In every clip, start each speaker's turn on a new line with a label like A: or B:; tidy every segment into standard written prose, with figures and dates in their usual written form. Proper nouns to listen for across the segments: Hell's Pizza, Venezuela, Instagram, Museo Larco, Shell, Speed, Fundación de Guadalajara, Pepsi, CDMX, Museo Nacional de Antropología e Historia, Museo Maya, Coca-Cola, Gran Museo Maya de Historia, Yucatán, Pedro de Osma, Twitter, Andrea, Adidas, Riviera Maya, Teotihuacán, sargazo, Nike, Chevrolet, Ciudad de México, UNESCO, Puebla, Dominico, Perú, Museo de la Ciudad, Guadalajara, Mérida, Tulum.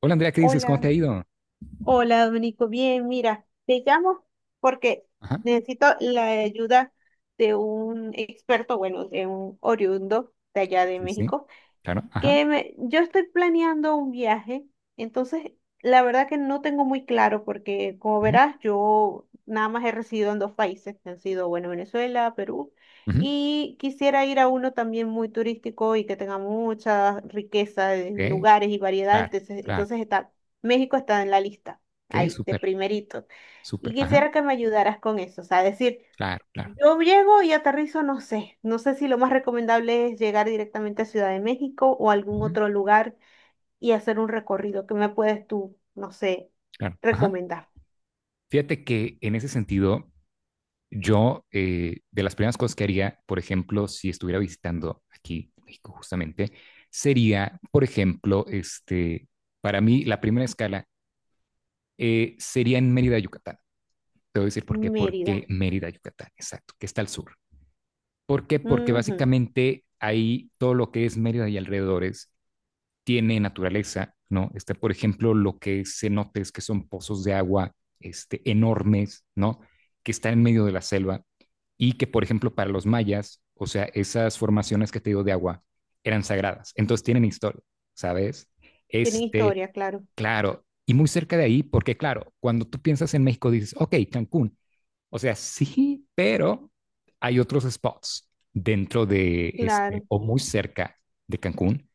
A: Hola Andrea, ¿qué dices? ¿Cómo te
B: Hola,
A: ha ido?
B: hola Dominico, bien, mira, te llamo porque
A: Ajá,
B: necesito la ayuda de un experto, bueno, de un oriundo de allá de
A: sí, sí,
B: México
A: claro, ajá.
B: yo estoy planeando un viaje, entonces la verdad que no tengo muy claro porque como
A: Ujú,
B: verás yo nada más he residido en dos países, que han sido, bueno, Venezuela, Perú,
A: ujú,
B: y quisiera ir a uno también muy turístico y que tenga mucha riqueza de
A: ok,
B: lugares y variedad,
A: claro,
B: entonces,
A: claro,
B: entonces está, México está en la lista,
A: ok,
B: ahí, de
A: súper,
B: primerito, y
A: súper, ajá,
B: quisiera que me ayudaras con eso, o sea, decir...
A: claro, claro,
B: Yo llego y aterrizo, no sé. No sé si lo más recomendable es llegar directamente a Ciudad de México o algún
A: ujú,
B: otro lugar y hacer un recorrido. ¿Qué me puedes tú, no sé,
A: claro, ajá.
B: recomendar?
A: Fíjate que en ese sentido, yo de las primeras cosas que haría, por ejemplo, si estuviera visitando aquí México justamente, sería, por ejemplo, este, para mí la primera escala sería en Mérida, Yucatán. Te voy a decir por qué, porque
B: Mérida.
A: Mérida, Yucatán, exacto, que está al sur. ¿Por qué? Porque
B: Ujú.
A: básicamente ahí todo lo que es Mérida y alrededores tiene naturaleza, ¿no? Está, por ejemplo, lo que se nota es que son pozos de agua este, enormes, ¿no? Que están en medio de la selva y que, por ejemplo, para los mayas, o sea, esas formaciones que te digo de agua eran sagradas, entonces tienen historia, ¿sabes?
B: Tienen
A: Este,
B: historia, claro,
A: claro, y muy cerca de ahí, porque claro, cuando tú piensas en México dices, ok, Cancún, o sea, sí, pero hay otros spots dentro de este
B: claro.
A: o muy cerca de Cancún.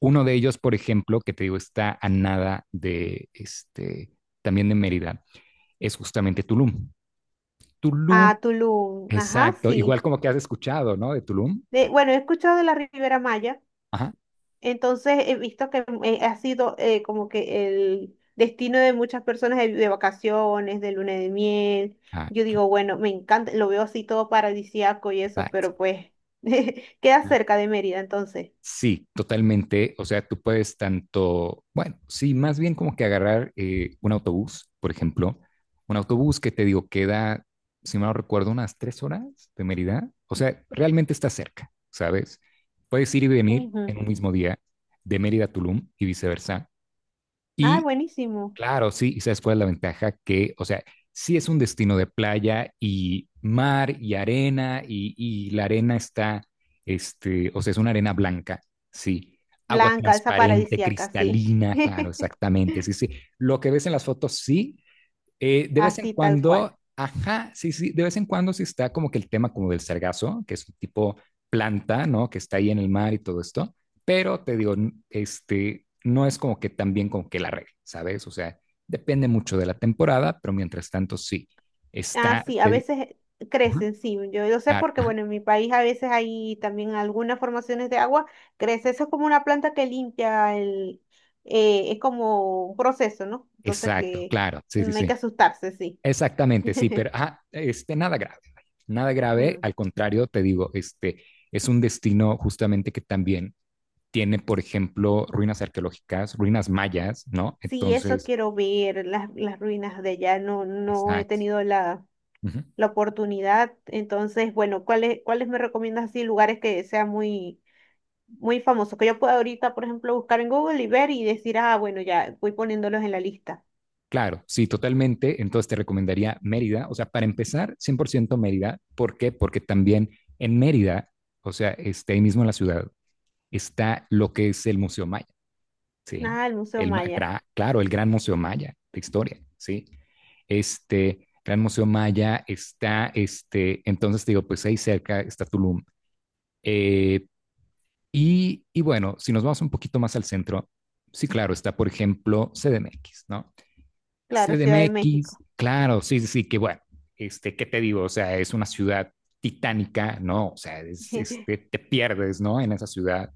A: Uno de ellos, por ejemplo, que te digo, está a nada de este, también de Mérida, es justamente Tulum. Tulum,
B: Ah, Tulum. Ajá,
A: exacto,
B: sí.
A: igual como que has escuchado, ¿no? De Tulum.
B: De, bueno, he escuchado de la Riviera Maya.
A: Ajá.
B: Entonces he visto que ha sido como que el destino de muchas personas de vacaciones, de luna de miel.
A: Ah,
B: Yo
A: claro,
B: digo, bueno, me encanta, lo veo así todo paradisíaco y eso,
A: exacto.
B: pero pues queda cerca de Mérida entonces.
A: Sí, totalmente. O sea, tú puedes tanto, bueno, sí, más bien como que agarrar un autobús, por ejemplo, un autobús que te digo queda, si mal no recuerdo, unas 3 horas de Mérida. O sea, realmente está cerca, ¿sabes? Puedes ir y venir en
B: Ujú.
A: un mismo día de Mérida a Tulum y viceversa.
B: Ay,
A: Y
B: buenísimo.
A: claro, sí, y sabes cuál es la ventaja que, o sea, sí es un destino de playa y mar y arena y la arena está, este, o sea, es una arena blanca, sí, agua
B: Blanca, esa
A: transparente,
B: paradisíaca, sí.
A: cristalina, claro, exactamente, sí, sí. Lo que ves en las fotos, sí, de vez en
B: Así tal cual.
A: cuando, ajá, sí, sí, de vez en cuando sí está como que el tema como del sargazo, que es un tipo planta, ¿no? Que está ahí en el mar y todo esto, pero te digo, este, no es como que tan bien como que la regla, ¿sabes? O sea, depende mucho de la temporada, pero mientras tanto sí,
B: Ah,
A: está,
B: sí, a veces
A: ajá,
B: crecen, sí. Yo, lo sé
A: claro,
B: porque,
A: ajá,
B: bueno, en mi país a veces hay también algunas formaciones de agua, crece. Eso es como una planta que limpia el, es como un proceso, ¿no? Entonces
A: exacto,
B: que
A: claro, sí, sí,
B: no hay
A: sí,
B: que asustarse, sí.
A: exactamente, sí, pero, ajá, este, nada grave, vaya, nada grave,
B: Mm.
A: al contrario, te digo, este, es un destino justamente que también tiene, por ejemplo, ruinas arqueológicas, ruinas mayas, ¿no?
B: Sí, eso
A: Entonces,
B: quiero ver, las ruinas de allá. No, no he
A: exacto.
B: tenido la,
A: Uh -huh.
B: la oportunidad. Entonces, bueno, ¿cuáles, cuáles me recomiendas así lugares que sean muy famosos que yo puedo ahorita, por ejemplo, buscar en Google y ver y decir, ah, bueno, ya voy poniéndolos en la lista.
A: Claro, sí, totalmente. Entonces te recomendaría Mérida. O sea, para empezar, 100% Mérida. ¿Por qué? Porque también en Mérida, o sea, este, ahí mismo en la ciudad, está lo que es el Museo Maya, ¿sí?
B: Ah, el Museo
A: El, ma
B: Maya.
A: gra- claro, el Gran Museo Maya de Historia, ¿sí? Este Gran Museo Maya está, este, entonces te digo, pues ahí cerca está Tulum. Eh, y bueno, si nos vamos un poquito más al centro, sí, claro, está, por ejemplo, CDMX, ¿no?
B: Claro, Ciudad de México.
A: CDMX, claro, sí, sí, sí, que bueno, este, ¿qué te digo? O sea, es una ciudad titánica, ¿no? O sea, es, este, te pierdes, ¿no? En esa ciudad,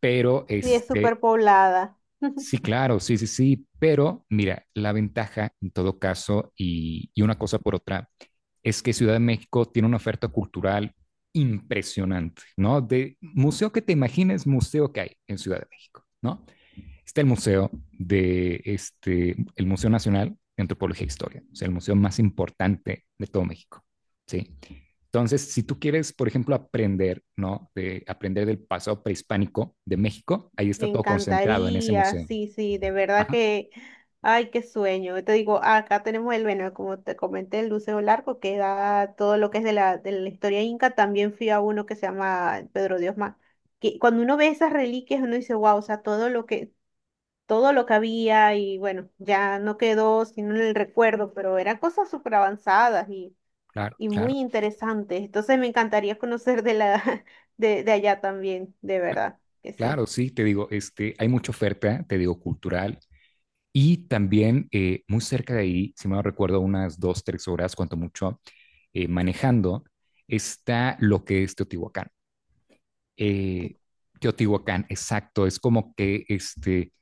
A: pero
B: Sí, es
A: este,
B: súper poblada.
A: sí, claro, sí, sí, sí, pero mira, la ventaja en todo caso y una cosa por otra, es que Ciudad de México tiene una oferta cultural impresionante, ¿no? De museo que te imagines, museo que hay en Ciudad de México, ¿no? Está el museo de este, el Museo Nacional de Antropología e Historia, o sea, el museo más importante de todo México, ¿sí? Entonces, si tú quieres, por ejemplo, aprender, ¿no? De aprender del pasado prehispánico de México, ahí
B: Me
A: está todo concentrado en ese
B: encantaría,
A: museo.
B: sí, sí, de verdad
A: Ajá,
B: que, ay, qué sueño. Yo te digo, acá tenemos el, bueno, como te comenté, el Museo Larco, que da todo lo que es de la historia inca. También fui a uno que se llama Pedro de Osma. Que cuando uno ve esas reliquias, uno dice, wow, o sea, todo lo que había y bueno, ya no quedó sino en el recuerdo, pero eran cosas súper avanzadas
A: claro,
B: y
A: claro.
B: muy interesantes. Entonces me encantaría conocer de la de allá también, de
A: cl-
B: verdad, que sí.
A: Claro, sí, te digo, este, hay mucha oferta, te digo, cultural. Y también muy cerca de ahí, si me recuerdo, unas 2, 3 horas, cuanto mucho, manejando, está lo que es Teotihuacán.
B: Te-
A: Eh, Teotihuacán, exacto, es como que este,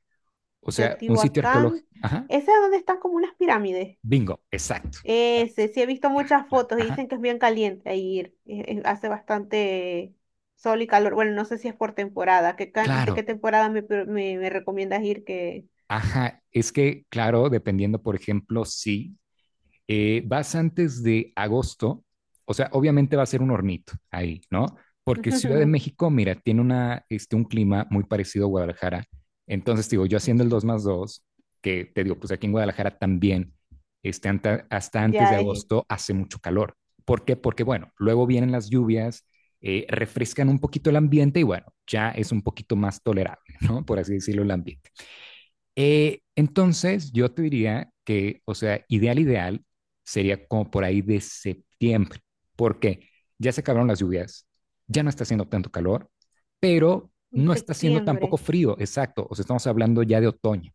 A: o sea, un sitio
B: Teotihuacán,
A: arqueológico. Ajá,
B: ese es donde están como unas pirámides.
A: bingo, exacto, exacto.
B: Ese, sí he visto muchas
A: Claro.
B: fotos y
A: Ajá,
B: dicen que es bien caliente ahí ir. Hace bastante sol y calor. Bueno, no sé si es por temporada. ¿De
A: claro,
B: qué temporada me, me recomiendas ir que
A: ajá, es que, claro, dependiendo, por ejemplo, sí vas antes de agosto, o sea, obviamente va a ser un hornito ahí, ¿no? Porque Ciudad de México, mira, tiene este, un clima muy parecido a Guadalajara. Entonces, digo, yo haciendo el 2 más 2, que te digo, pues aquí en Guadalajara también, este, hasta antes de
B: ya es?
A: agosto hace mucho calor. ¿Por qué? Porque, bueno, luego vienen las lluvias, refrescan un poquito el ambiente y, bueno, ya es un poquito más tolerable, ¿no? Por así decirlo, el ambiente. Entonces, yo te diría que, o sea, ideal, ideal sería como por ahí de septiembre, porque ya se acabaron las lluvias, ya no está haciendo tanto calor, pero
B: En
A: no está haciendo tampoco
B: septiembre.
A: frío, exacto. O sea, estamos hablando ya de otoño.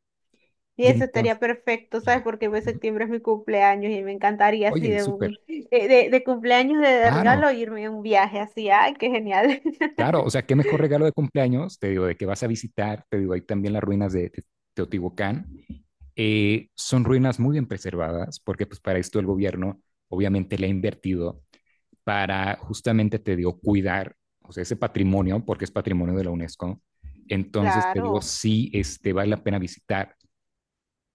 B: Y
A: Y
B: eso
A: entonces,
B: estaría perfecto, ¿sabes?
A: ah,
B: Porque pues,
A: ujú.
B: septiembre es mi cumpleaños y me encantaría así
A: Oye,
B: de
A: súper,
B: un de cumpleaños de
A: claro.
B: regalo irme a un viaje así. ¡Ay, qué genial!
A: Claro, o sea, qué mejor regalo de cumpleaños, te digo, de que vas a visitar, te digo, ahí también las ruinas de Teotihuacán. Son ruinas muy bien preservadas, porque pues para esto el gobierno obviamente le ha invertido para justamente, te digo, cuidar, o sea, ese patrimonio, porque es patrimonio de la UNESCO. Entonces, te digo,
B: Claro.
A: sí, este, vale la pena visitar.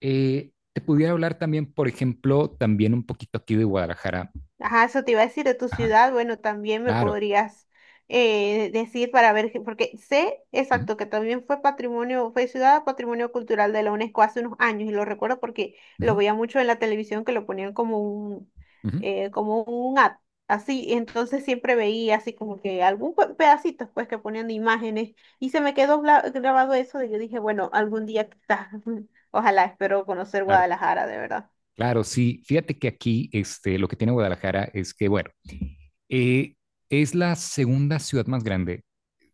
A: Te pudiera hablar también, por ejemplo, también un poquito aquí de Guadalajara.
B: Ajá, eso te iba a decir de tu
A: Ajá,
B: ciudad. Bueno, también me
A: claro.
B: podrías decir para ver, porque sé
A: Ujú,
B: exacto que también fue patrimonio, fue ciudad patrimonio cultural de la UNESCO hace unos años y lo recuerdo porque lo
A: ujú,
B: veía mucho en la televisión que lo ponían
A: ujú,
B: como un ad, así. Y entonces siempre veía así como que algún pedacito pues que ponían de imágenes y se me quedó grabado eso y yo dije, bueno, algún día quizás, ojalá espero conocer
A: claro.
B: Guadalajara de verdad.
A: Claro, sí. Fíjate que aquí este, lo que tiene Guadalajara es que, bueno, eh, es la segunda ciudad más grande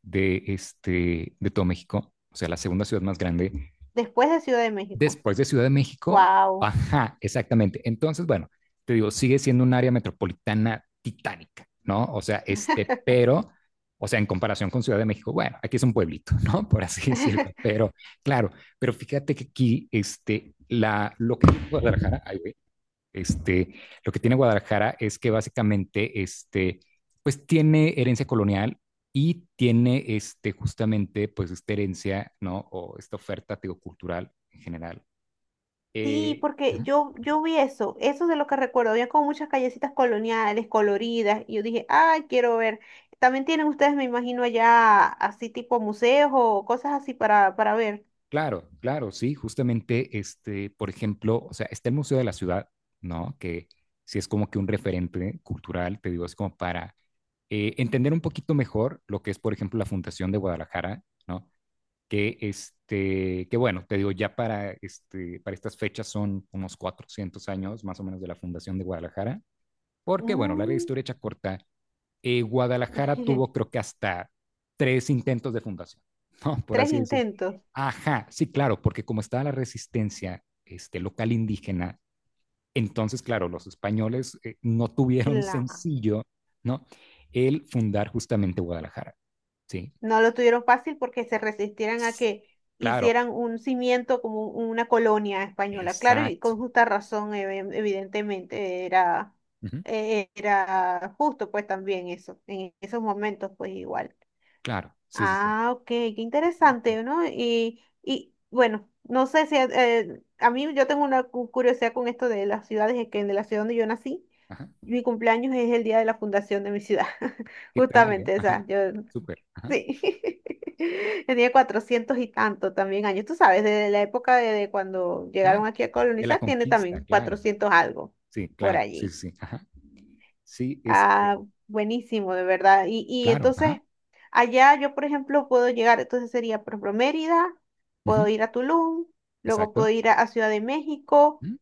A: de, este, de todo México, o sea, la segunda ciudad más grande
B: Después de Ciudad de México.
A: después de Ciudad de México.
B: Wow.
A: Ajá, exactamente. Entonces, bueno, te digo, sigue siendo un área metropolitana titánica, ¿no? O sea, este, pero, o sea, en comparación con Ciudad de México, bueno, aquí es un pueblito, ¿no? Por así decirlo, pero claro, pero fíjate que aquí, este, lo que es Guadalajara, ay, güey, este, lo que tiene Guadalajara es que básicamente, este, pues tiene herencia colonial y tiene, este, justamente, pues esta herencia, ¿no? O esta oferta, teocultural en general.
B: Sí,
A: Eh,
B: porque yo vi eso, eso es de lo que recuerdo, había como muchas callecitas coloniales, coloridas, y yo dije, ay, quiero ver. También tienen ustedes, me imagino, allá así tipo museos o cosas así para ver.
A: claro, claro, sí, justamente, este, por ejemplo, o sea, está el Museo de la Ciudad, ¿no? Que sí es como que un referente cultural, te digo, es como para entender un poquito mejor lo que es, por ejemplo, la Fundación de Guadalajara, ¿no? Que, este, que bueno, te digo, ya para, este, para estas fechas son unos 400 años más o menos de la fundación de Guadalajara, porque bueno, larga
B: Mm.
A: historia hecha corta, Guadalajara tuvo creo que hasta tres intentos de fundación, ¿no? Por
B: Tres
A: así decir.
B: intentos.
A: Ajá, sí, claro, porque como estaba la resistencia este, local indígena, entonces, claro, los españoles no tuvieron
B: Claro.
A: sencillo, ¿no? El fundar justamente Guadalajara, ¿sí?
B: No lo tuvieron fácil porque se resistieran a que
A: Claro,
B: hicieran un cimiento como una colonia española. Claro, y
A: exacto.
B: con justa razón, evidentemente, era,
A: Ujú.
B: era justo pues también eso, en esos momentos pues igual.
A: Claro, sí, sí, sí.
B: Ah, ok, qué
A: Exacto.
B: interesante, ¿no? Y bueno, no sé si a mí yo tengo una curiosidad con esto de las ciudades, es que de la ciudad donde yo nací,
A: Ajá.
B: mi cumpleaños es el día de la fundación de mi ciudad,
A: ¿Qué tal, eh?
B: justamente, o
A: Ajá.
B: sea, yo
A: Súper. Ajá.
B: sí, tenía cuatrocientos y tanto también años. Tú sabes, desde la época de cuando llegaron
A: Claro.
B: aquí a
A: De la
B: colonizar, tiene
A: conquista,
B: también
A: claro.
B: cuatrocientos algo
A: Sí,
B: por
A: claro. Sí,
B: allí.
A: sí, sí. Ajá. Sí, este,
B: Ah, buenísimo, de verdad. Y
A: claro. Ajá.
B: entonces, allá yo, por ejemplo, puedo llegar, entonces sería, por ejemplo, Mérida, puedo
A: Ujú,
B: ir a Tulum, luego
A: exacto.
B: puedo ir a Ciudad de México,
A: Ujú,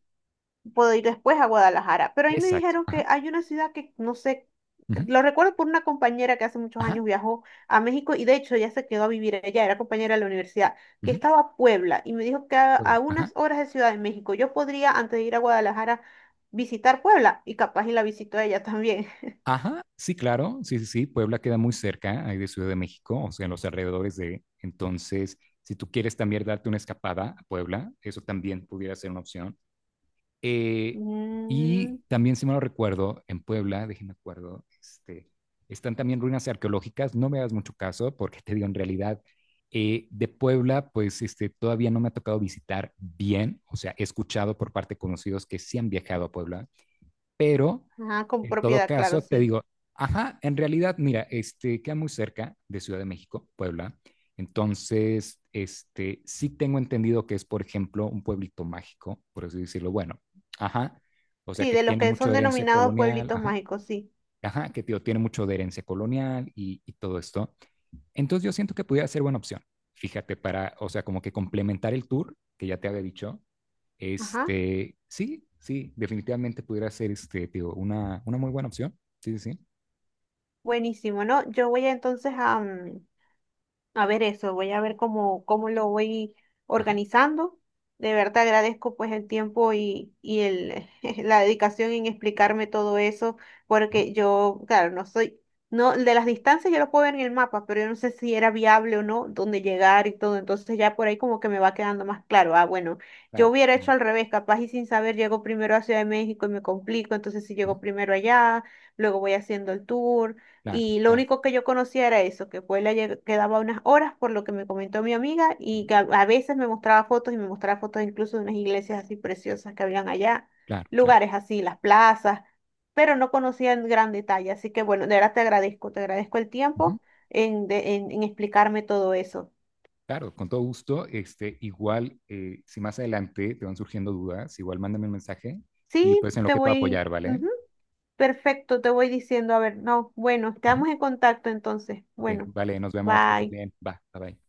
B: puedo ir después a Guadalajara. Pero ahí me
A: exacto.
B: dijeron
A: Ajá.
B: que hay una ciudad que no sé,
A: Ujú,
B: lo recuerdo por una compañera que hace muchos
A: ajá.
B: años viajó a México y de hecho ya se quedó a vivir allá, era compañera de la universidad, que
A: Ujú,
B: estaba a Puebla y me dijo que
A: Puebla.
B: a
A: Ajá.
B: unas horas de Ciudad de México yo podría, antes de ir a Guadalajara, visitar Puebla y capaz y la visitó ella también.
A: Ajá. Sí, claro. Sí, sí, sí. Puebla queda muy cerca ahí de Ciudad de México, o sea, en los alrededores de. Entonces, si tú quieres también darte una escapada a Puebla, eso también pudiera ser una opción. Eh, y
B: Mm,
A: también, si me lo recuerdo, en Puebla, déjenme acuerdo, este, están también ruinas arqueológicas. No me hagas mucho caso porque te digo, en realidad, de Puebla, pues este, todavía no me ha tocado visitar bien, o sea, he escuchado por parte de conocidos que sí han viajado a Puebla, pero
B: ajá, con
A: en todo
B: propiedad, claro,
A: caso, te
B: sí.
A: digo, ajá, en realidad, mira, este queda muy cerca de Ciudad de México, Puebla. Entonces, este, sí tengo entendido que es, por ejemplo, un pueblito mágico, por así decirlo. Bueno, ajá, o sea
B: Sí,
A: que
B: de los
A: tiene
B: que
A: mucho
B: son
A: de herencia
B: denominados
A: colonial,
B: pueblitos
A: ajá,
B: mágicos, sí.
A: ajá, que tío, tiene mucho de herencia colonial y todo esto. Entonces, yo siento que pudiera ser buena opción. Fíjate, para, o sea, como que complementar el tour que ya te había dicho,
B: Ajá,
A: este, sí, sí, definitivamente pudiera ser este, digo, una muy buena opción. Sí, sí, sí.
B: buenísimo, ¿no? Yo voy a, entonces a, mm, a ver eso, voy a ver cómo, cómo lo voy
A: Ajá.
B: organizando. De verdad te agradezco pues el tiempo y el, la dedicación en explicarme todo eso,
A: Ujú,
B: porque yo, claro, no soy, no, de las distancias yo lo puedo ver en el mapa, pero yo no sé si era viable o no, dónde llegar y todo. Entonces ya por ahí como que me va quedando más claro. Ah, bueno, yo
A: claro,
B: hubiera
A: ah,
B: hecho al revés, capaz y sin saber llego primero a Ciudad de México y me complico, entonces si
A: ujú,
B: llego primero allá, luego voy haciendo el tour.
A: claro,
B: Y lo
A: claro,
B: único que yo conocía era eso, que Puebla quedaba unas horas, por lo que me comentó mi amiga, y
A: ujú,
B: que a veces me mostraba fotos y me mostraba fotos incluso de unas iglesias así preciosas que habían allá,
A: claro, claro.
B: lugares así, las plazas, pero no conocía en gran detalle. Así que bueno, de verdad te agradezco el
A: Ujú,
B: tiempo en, en explicarme todo eso.
A: claro, con todo gusto. Este, igual, si más adelante te van surgiendo dudas, igual mándame un mensaje y
B: Sí,
A: pues en lo
B: te
A: que pueda
B: voy,
A: apoyar, ¿vale?
B: ujú, perfecto, te voy diciendo, a ver, no, bueno,
A: Ujú.
B: estamos en contacto entonces.
A: Ok,
B: Bueno,
A: vale, nos vemos, que estés
B: bye.
A: bien. Va, bye bye.